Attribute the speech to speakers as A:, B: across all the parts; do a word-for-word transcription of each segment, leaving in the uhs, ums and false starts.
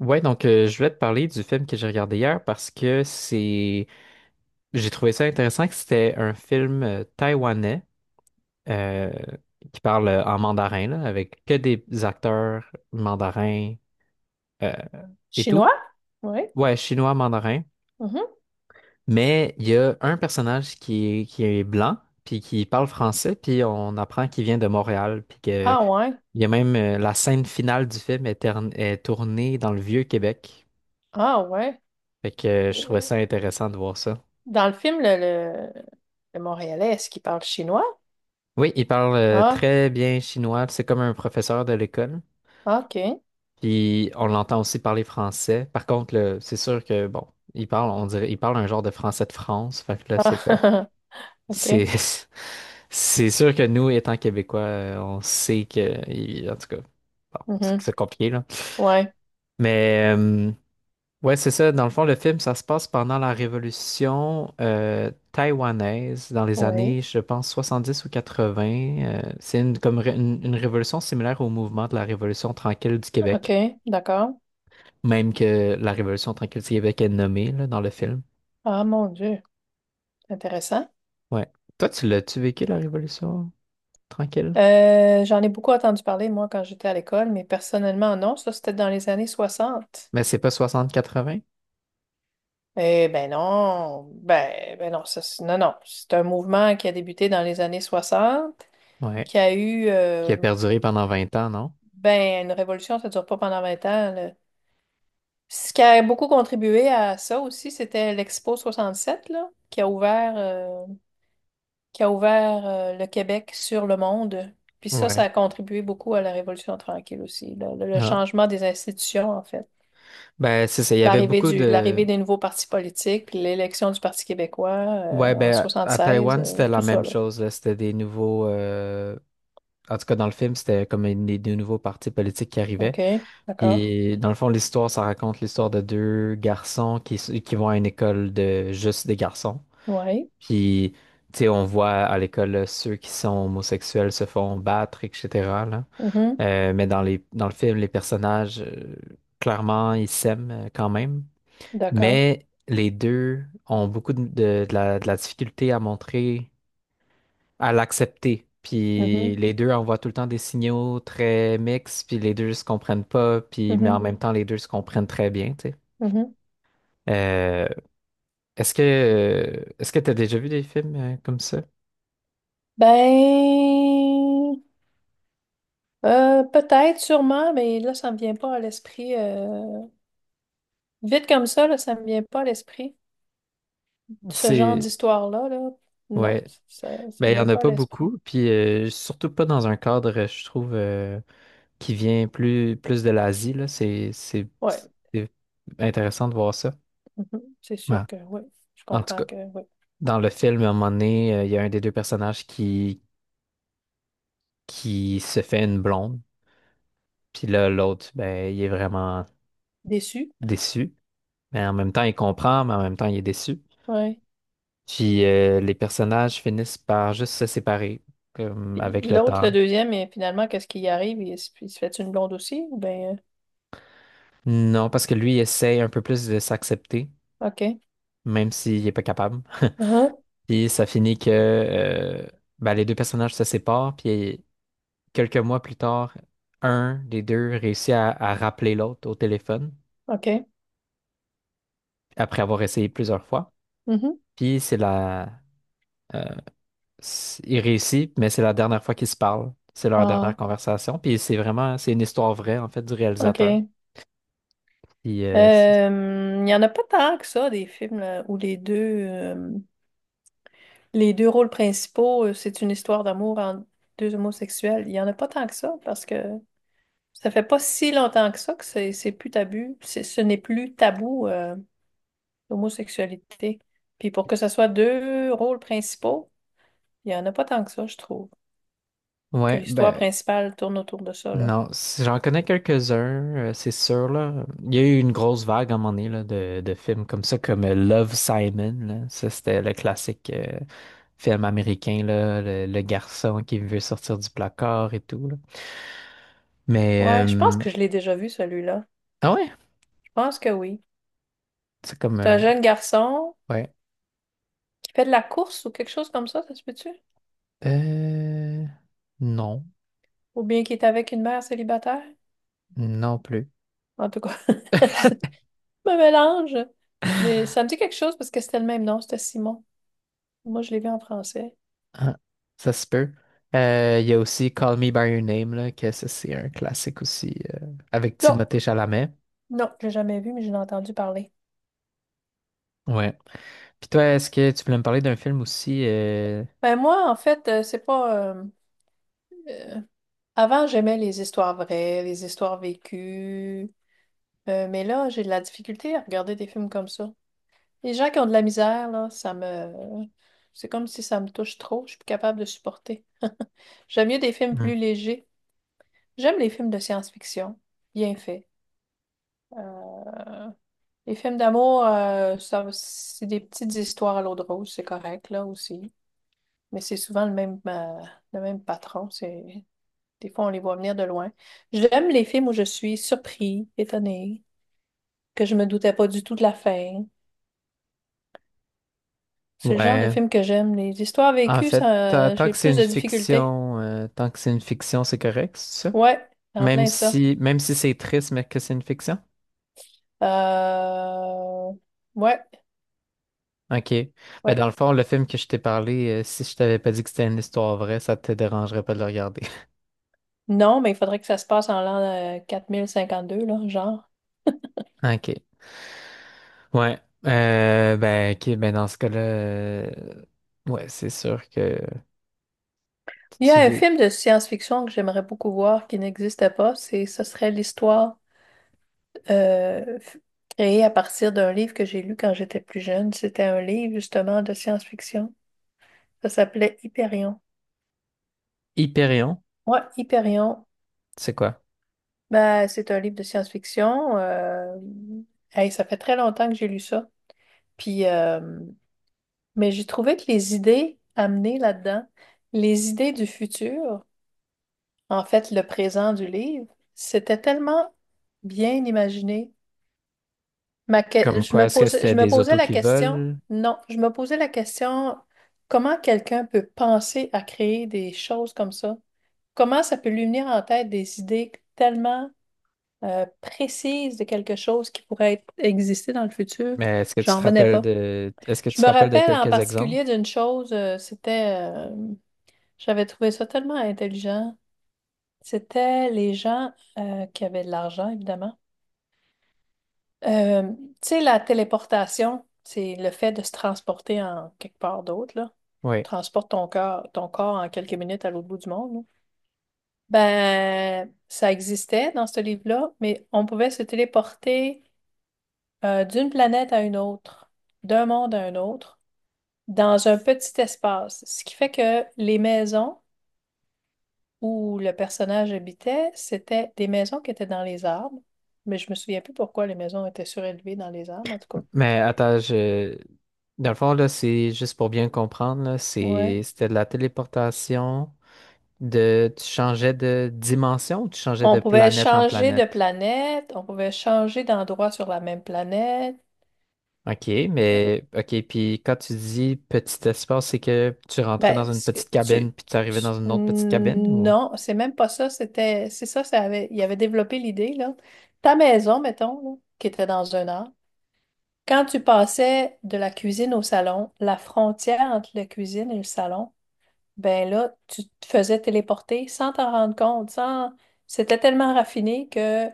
A: Ouais, donc euh, je voulais te parler du film que j'ai regardé hier parce que c'est j'ai trouvé ça intéressant que c'était un film euh, taïwanais euh, qui parle euh, en mandarin là, avec que des acteurs mandarins euh, et tout.
B: Chinois? Oui.
A: Ouais, chinois mandarin,
B: Mhm.
A: mais il y a un personnage qui est, qui est blanc puis qui parle français puis on apprend qu'il vient de Montréal puis que
B: Ah ouais.
A: il y a même euh, la scène finale du film est, tern- est tournée dans le Vieux-Québec.
B: Ah ouais.
A: Fait que euh, Je
B: Euh,
A: trouvais ça intéressant de voir ça.
B: Dans le film, le, le, le Montréalais, est-ce qu'il parle chinois?
A: Oui, il parle euh,
B: Ah,
A: très bien chinois. C'est comme un professeur de l'école.
B: OK.
A: Puis on l'entend aussi parler français. Par contre, le- c'est sûr que bon, il parle, on dirait, il parle un genre de français de France. Fait que là, c'est comme,
B: Ah, OK.
A: c'est, c'est sûr que nous, étant Québécois, euh, on sait que, il- en tout cas, bon, c'est
B: Mhm.
A: c'est compliqué là.
B: Ouais.
A: Mais euh, Ouais, c'est ça. Dans le fond, le film, ça se passe pendant la révolution euh, taïwanaise, dans les
B: Oui.
A: années, je pense, soixante-dix ou quatre-vingts. Euh, c'est une, comme ré- une, une révolution similaire au mouvement de la Révolution tranquille du
B: OK.
A: Québec,
B: D'accord.
A: même que la Révolution tranquille du Québec est nommée là, dans le film.
B: Ah mon Dieu. Intéressant.
A: Ouais. Toi, tu l'as-tu vécu, la Révolution tranquille?
B: Euh, j'en ai beaucoup entendu parler, moi, quand j'étais à l'école, mais personnellement, non. Ça, c'était dans les années soixante.
A: Mais c'est pas soixante quatre-vingts.
B: Eh ben non. Ben, ben non, ça, c'est- non, non. C'est un mouvement qui a débuté dans les années soixante,
A: Ouais.
B: qui a eu...
A: Qui
B: euh,
A: a perduré pendant vingt ans, non?
B: Ben, une révolution, ça dure pas pendant vingt ans, là. Ce qui a beaucoup contribué à ça aussi, c'était l'Expo soixante sept là, qui a ouvert, euh, qui a ouvert euh, le Québec sur le monde. Puis ça, ça
A: Ouais.
B: a contribué beaucoup à la Révolution tranquille aussi, là, le, le
A: Ah.
B: changement des institutions, en fait.
A: Ben, c'est ça. Il y avait
B: L'arrivée
A: beaucoup
B: du,
A: de,
B: l'arrivée des nouveaux partis politiques, puis l'élection du Parti québécois euh,
A: ouais,
B: en
A: ben à à
B: soixante-seize,
A: Taïwan,
B: euh,
A: c'était la
B: tout ça,
A: même
B: là.
A: chose, là. C'était des nouveaux euh, en tout cas, dans le film, c'était comme une- des, des nouveaux partis politiques qui arrivaient.
B: OK, d'accord.
A: Et dans le fond, l'histoire, ça raconte l'histoire de deux garçons qui, s- qui vont à une école de juste des garçons.
B: Oui.
A: Puis, tu sais, on voit à l'école là, ceux qui sont homosexuels se font battre, et cetera là. Euh, mais dans les, dans le film, les personnages, euh, clairement, ils s'aiment euh, quand même.
B: D'accord.
A: Mais les deux ont beaucoup de, de de la de la difficulté à montrer à l'accepter. Puis
B: Mhm.
A: les deux envoient tout le temps des signaux très mixtes, puis les deux se comprennent pas, puis mais en
B: Mhm.
A: même temps les deux se comprennent très bien, tu sais.
B: Mhm.
A: Euh, est-ce que euh, Est-ce que tu as déjà vu des films euh, comme ça?
B: Ben, Euh, peut-être, sûrement, mais là, ça me vient pas à l'esprit. euh, Vite comme ça, là, ça me vient pas à l'esprit. Ce genre
A: C'est
B: d'histoire-là, là, non,
A: Ouais,
B: ça, ça
A: ben
B: me
A: il y en
B: vient
A: a
B: pas à
A: pas
B: l'esprit.
A: beaucoup, puis euh, surtout pas dans un cadre, euh, je trouve, euh, qui vient plus plus de l'Asie là. C'est c'est
B: Ouais,
A: c'est intéressant de voir ça.
B: mhm, c'est
A: Ouais.
B: sûr que oui, je
A: En tout cas,
B: comprends que oui.
A: dans le film, à un moment donné, euh, il y a un des deux personnages qui qui se fait une blonde. Puis là, l'autre, ben, il est vraiment
B: Déçu,
A: déçu. Mais en même temps, il comprend, mais en même temps, il est déçu.
B: ouais.
A: Puis euh, Les personnages finissent par juste se séparer comme
B: Puis
A: avec le
B: l'autre,
A: temps.
B: le deuxième, et finalement, qu'est-ce qui y arrive? Il, se il se fait une blonde aussi? Ou Ben,
A: Non, parce que lui, il essaye un peu plus de s'accepter,
B: euh, OK.
A: même s'il n'est pas capable.
B: Uhum,
A: Puis ça finit que euh, Ben, les deux personnages se séparent. Puis quelques mois plus tard, un des deux réussit à, à rappeler l'autre au téléphone
B: OK.
A: après avoir essayé plusieurs fois.
B: mhm.
A: Puis c'est la, euh, s- Il réussit, mais c'est la dernière fois qu'ils se parlent. C'est leur dernière
B: Ah,
A: conversation. Puis c'est vraiment, c'est une histoire vraie, en fait, du réalisateur.
B: OK.
A: Puis, euh, c'est-
B: Euh, Il y en a pas tant que ça, des films là, où les deux... euh, Les deux rôles principaux, euh, c'est une histoire d'amour entre deux homosexuels. Il n'y en a pas tant que ça parce que ça fait pas si longtemps que ça que c'est c'est plus tabou. C'est- Ce n'est plus tabou, euh, l'homosexualité. Puis pour que ce soit deux rôles principaux, il n'y en a pas tant que ça, je trouve. Que
A: ouais,
B: l'histoire
A: ben,
B: principale tourne autour de ça, là.
A: non, si j'en connais quelques-uns, euh, c'est sûr, là. Il y a eu une grosse vague à un moment donné, là, de, de films comme ça, comme euh, Love, Simon, là. Ça, c'était le classique euh, film américain, là, le, le garçon qui veut sortir du placard et tout, là. Mais,
B: Ouais, je pense
A: euh,
B: que je l'ai déjà vu, celui-là.
A: ah ouais,
B: Je pense que oui.
A: c'est comme,
B: C'est un
A: euh,
B: jeune garçon
A: ouais.
B: qui fait de la course ou quelque chose comme ça, ça se peut-tu?
A: Euh, non.
B: Ou bien qu'il est avec une mère célibataire.
A: Non plus.
B: En tout cas, je me mélange. Mais ça me dit quelque chose parce que c'était le même nom, c'était Simon. Moi, je l'ai vu en français.
A: Ah, ça se peut. Euh, Il y a aussi Call Me By Your Name, là, que ça, c'est un classique aussi, euh, avec
B: Non,
A: Timothée Chalamet.
B: non, j'ai jamais vu, mais j'en ai entendu parler.
A: Ouais. Puis toi, est-ce que tu voulais me parler d'un film aussi? Euh,
B: Ben moi, en fait, euh, c'est pas... euh, euh, Avant, j'aimais les histoires vraies, les histoires vécues. Euh, mais là, j'ai de la difficulté à regarder des films comme ça. Les gens qui ont de la misère, là, ça me... C'est comme si ça me touche trop, je suis plus capable de supporter. J'aime mieux des films plus
A: hmm.
B: légers. J'aime les films de science-fiction, bien faits. Euh, les films d'amour, euh, ça- c'est des petites histoires à l'eau de rose, c'est correct, là aussi. Mais c'est souvent le même, euh, le même patron. C'est... Des fois, on les voit venir de loin. J'aime les films où je suis surpris, étonné, que je me doutais pas du tout de la fin. C'est le genre de
A: Ouais.
B: film que j'aime. Les histoires
A: En
B: vécues,
A: fait, ta-
B: ça,
A: tant
B: j'ai
A: que c'est
B: plus
A: une
B: de difficultés.
A: fiction, euh, tant que c'est une fiction, c'est correct, c'est ça?
B: Ouais, en
A: Même
B: plein ça.
A: si, même si c'est triste, mais que c'est une fiction?
B: Euh... Ouais,
A: OK. Ben,
B: ouais.
A: dans le fond, le film que je t'ai parlé, euh, si je t'avais pas dit que c'était une histoire vraie, ça te dérangerait pas de le regarder.
B: Non, mais il faudrait que ça se passe en l'an euh, deux là, genre.
A: OK. Ouais. Euh, ben, ok, ben dans ce cas-là, euh, ouais, c'est sûr que
B: Il y a
A: tu
B: un
A: dois-
B: film de science-fiction que j'aimerais beaucoup voir qui n'existe pas. C'est, ce serait l'histoire euh, f- créée à partir d'un livre que j'ai lu quand j'étais plus jeune. C'était un livre justement de science-fiction. Ça s'appelait Hyperion.
A: Hyperion,
B: Ouais, Hyperion.
A: c'est quoi?
B: Ben, c'est un livre de science-fiction. euh, Hey, ça fait très longtemps que j'ai lu ça. Puis, euh, mais j'ai trouvé que les idées amenées là-dedans, les idées du futur. En fait, le présent du livre, c'était tellement bien imaginé. Ma que-
A: Comme
B: Je
A: quoi,
B: me
A: est-ce que
B: posais,
A: c'était
B: je me
A: des
B: posais
A: autos
B: la
A: qui
B: question,
A: volent?
B: non, je me posais la question, comment quelqu'un peut penser à créer des choses comme ça? Comment ça peut lui venir en tête des idées tellement euh, précises de quelque chose qui pourrait être- exister dans le futur?
A: Mais est-ce que tu
B: J'en
A: te
B: revenais
A: rappelles
B: pas.
A: de est-ce que tu
B: Je
A: te
B: me
A: rappelles de
B: rappelle en
A: quelques exemples?
B: particulier d'une chose, euh, c'était, euh, j'avais trouvé ça tellement intelligent. C'était les gens euh, qui avaient de l'argent, évidemment. Euh, Tu sais, la téléportation, c'est le fait de se transporter en quelque part d'autre, là.
A: Oui.
B: Transporte ton corps, ton corps en quelques minutes à l'autre bout du monde. là. Ben, ça existait dans ce livre-là, mais on pouvait se téléporter euh, d'une planète à une autre, d'un monde à un autre, dans un petit espace. Ce qui fait que les maisons où le personnage habitait, c'était des maisons qui étaient dans les arbres, mais je me souviens plus pourquoi les maisons étaient surélevées dans les arbres, en tout cas.
A: Mais attends, je Dans le fond, là, c'est juste pour bien comprendre, là, c'est
B: Ouais.
A: c'était de la téléportation de tu changeais de dimension ou tu changeais de
B: On pouvait
A: planète en
B: changer de
A: planète?
B: planète, on pouvait changer d'endroit sur la même planète.
A: OK,
B: Il y a-
A: mais OK, puis quand tu dis petit espace, c'est que tu rentrais
B: Ben,
A: dans une
B: ce que
A: petite cabine
B: tu,
A: puis tu arrivais
B: tu-
A: dans une autre petite cabine ou?
B: non, c'est même pas ça, c'était, c'est ça, ça avait, il avait développé l'idée, là. Ta maison, mettons, là, qui était dans un arbre, quand tu passais de la cuisine au salon, la frontière entre la cuisine et le salon, Ben là, tu te faisais téléporter sans t'en rendre compte, sans... C'était tellement raffiné que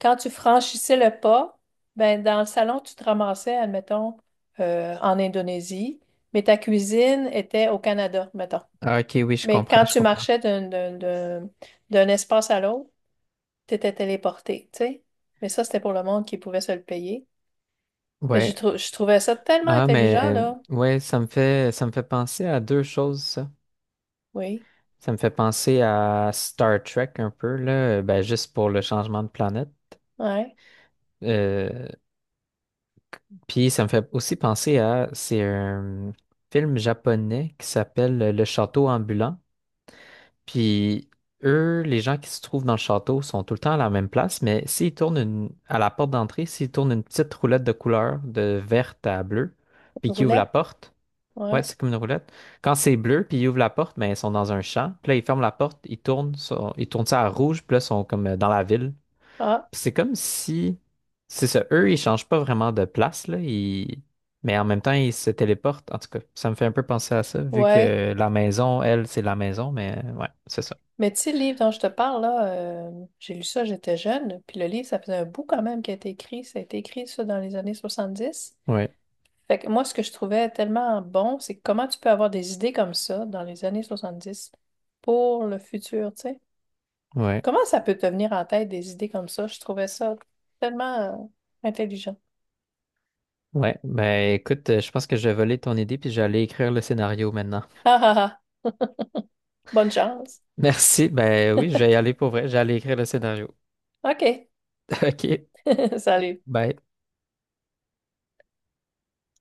B: quand tu franchissais le pas, ben dans le salon, tu te ramassais, admettons, euh, en Indonésie, mais ta cuisine était au Canada, mettons.
A: Ah, OK, oui, je
B: Mais
A: comprends,
B: quand
A: je
B: tu
A: comprends.
B: marchais d'un d'un- d'un- d'un espace à l'autre, tu étais téléporté, tu sais. Mais ça, c'était pour le monde qui pouvait se le payer. Ben, j'ai
A: Ouais.
B: trou- je trouvais ça tellement
A: Ah,
B: intelligent,
A: mais
B: là.
A: ouais, ça me fait ça me fait penser à deux choses, ça.
B: Oui,
A: Ça me fait penser à Star Trek un peu, là, ben juste pour le changement de planète.
B: ouais.
A: Euh, Puis ça me fait aussi penser à c'est un film japonais qui s'appelle Le Château ambulant. Puis eux, les gens qui se trouvent dans le château sont tout le temps à la même place, mais s'ils tournent une, à la porte d'entrée, s'ils tournent une petite roulette de couleur de verte à bleu, puis
B: Une
A: qu'ils ouvrent la
B: Roulette,
A: porte, ouais,
B: ouais.
A: c'est comme une roulette. Quand c'est bleu, puis ils ouvrent la porte, ben ils sont dans un champ. Puis là, ils ferment la porte, ils tournent, sont- ils tournent ça à rouge, puis là, ils sont comme euh, dans la ville.
B: Ah,
A: Puis c'est comme si, c'est ça, eux, ils changent pas vraiment de place, là, ils- mais en même temps, ils se téléportent. En tout cas, ça me fait un peu penser à ça, vu
B: ouais.
A: que la maison, elle, c'est la maison, mais euh, ouais, c'est ça.
B: Mais tu sais, le livre dont je te parle, là, euh, j'ai lu ça, j'étais jeune, puis le livre, ça faisait un bout quand même qui a été écrit. Ça a été écrit, ça, dans les années soixante-dix
A: Ouais,
B: Fait que moi, ce que je trouvais tellement bon, c'est comment tu peux avoir des idées comme ça dans les années soixante-dix pour le futur, tu sais.
A: ouais,
B: Comment ça peut te venir en tête des idées comme ça? Je trouvais ça tellement euh, intelligent.
A: ouais. Ben écoute, euh, je pense que je vais voler ton idée puis j'allais écrire le scénario maintenant.
B: Ah ah ah! Bonne chance.
A: Merci. Ben oui, je vais y aller pour vrai. J'allais écrire le scénario.
B: OK.
A: OK.
B: Salut.
A: Bye.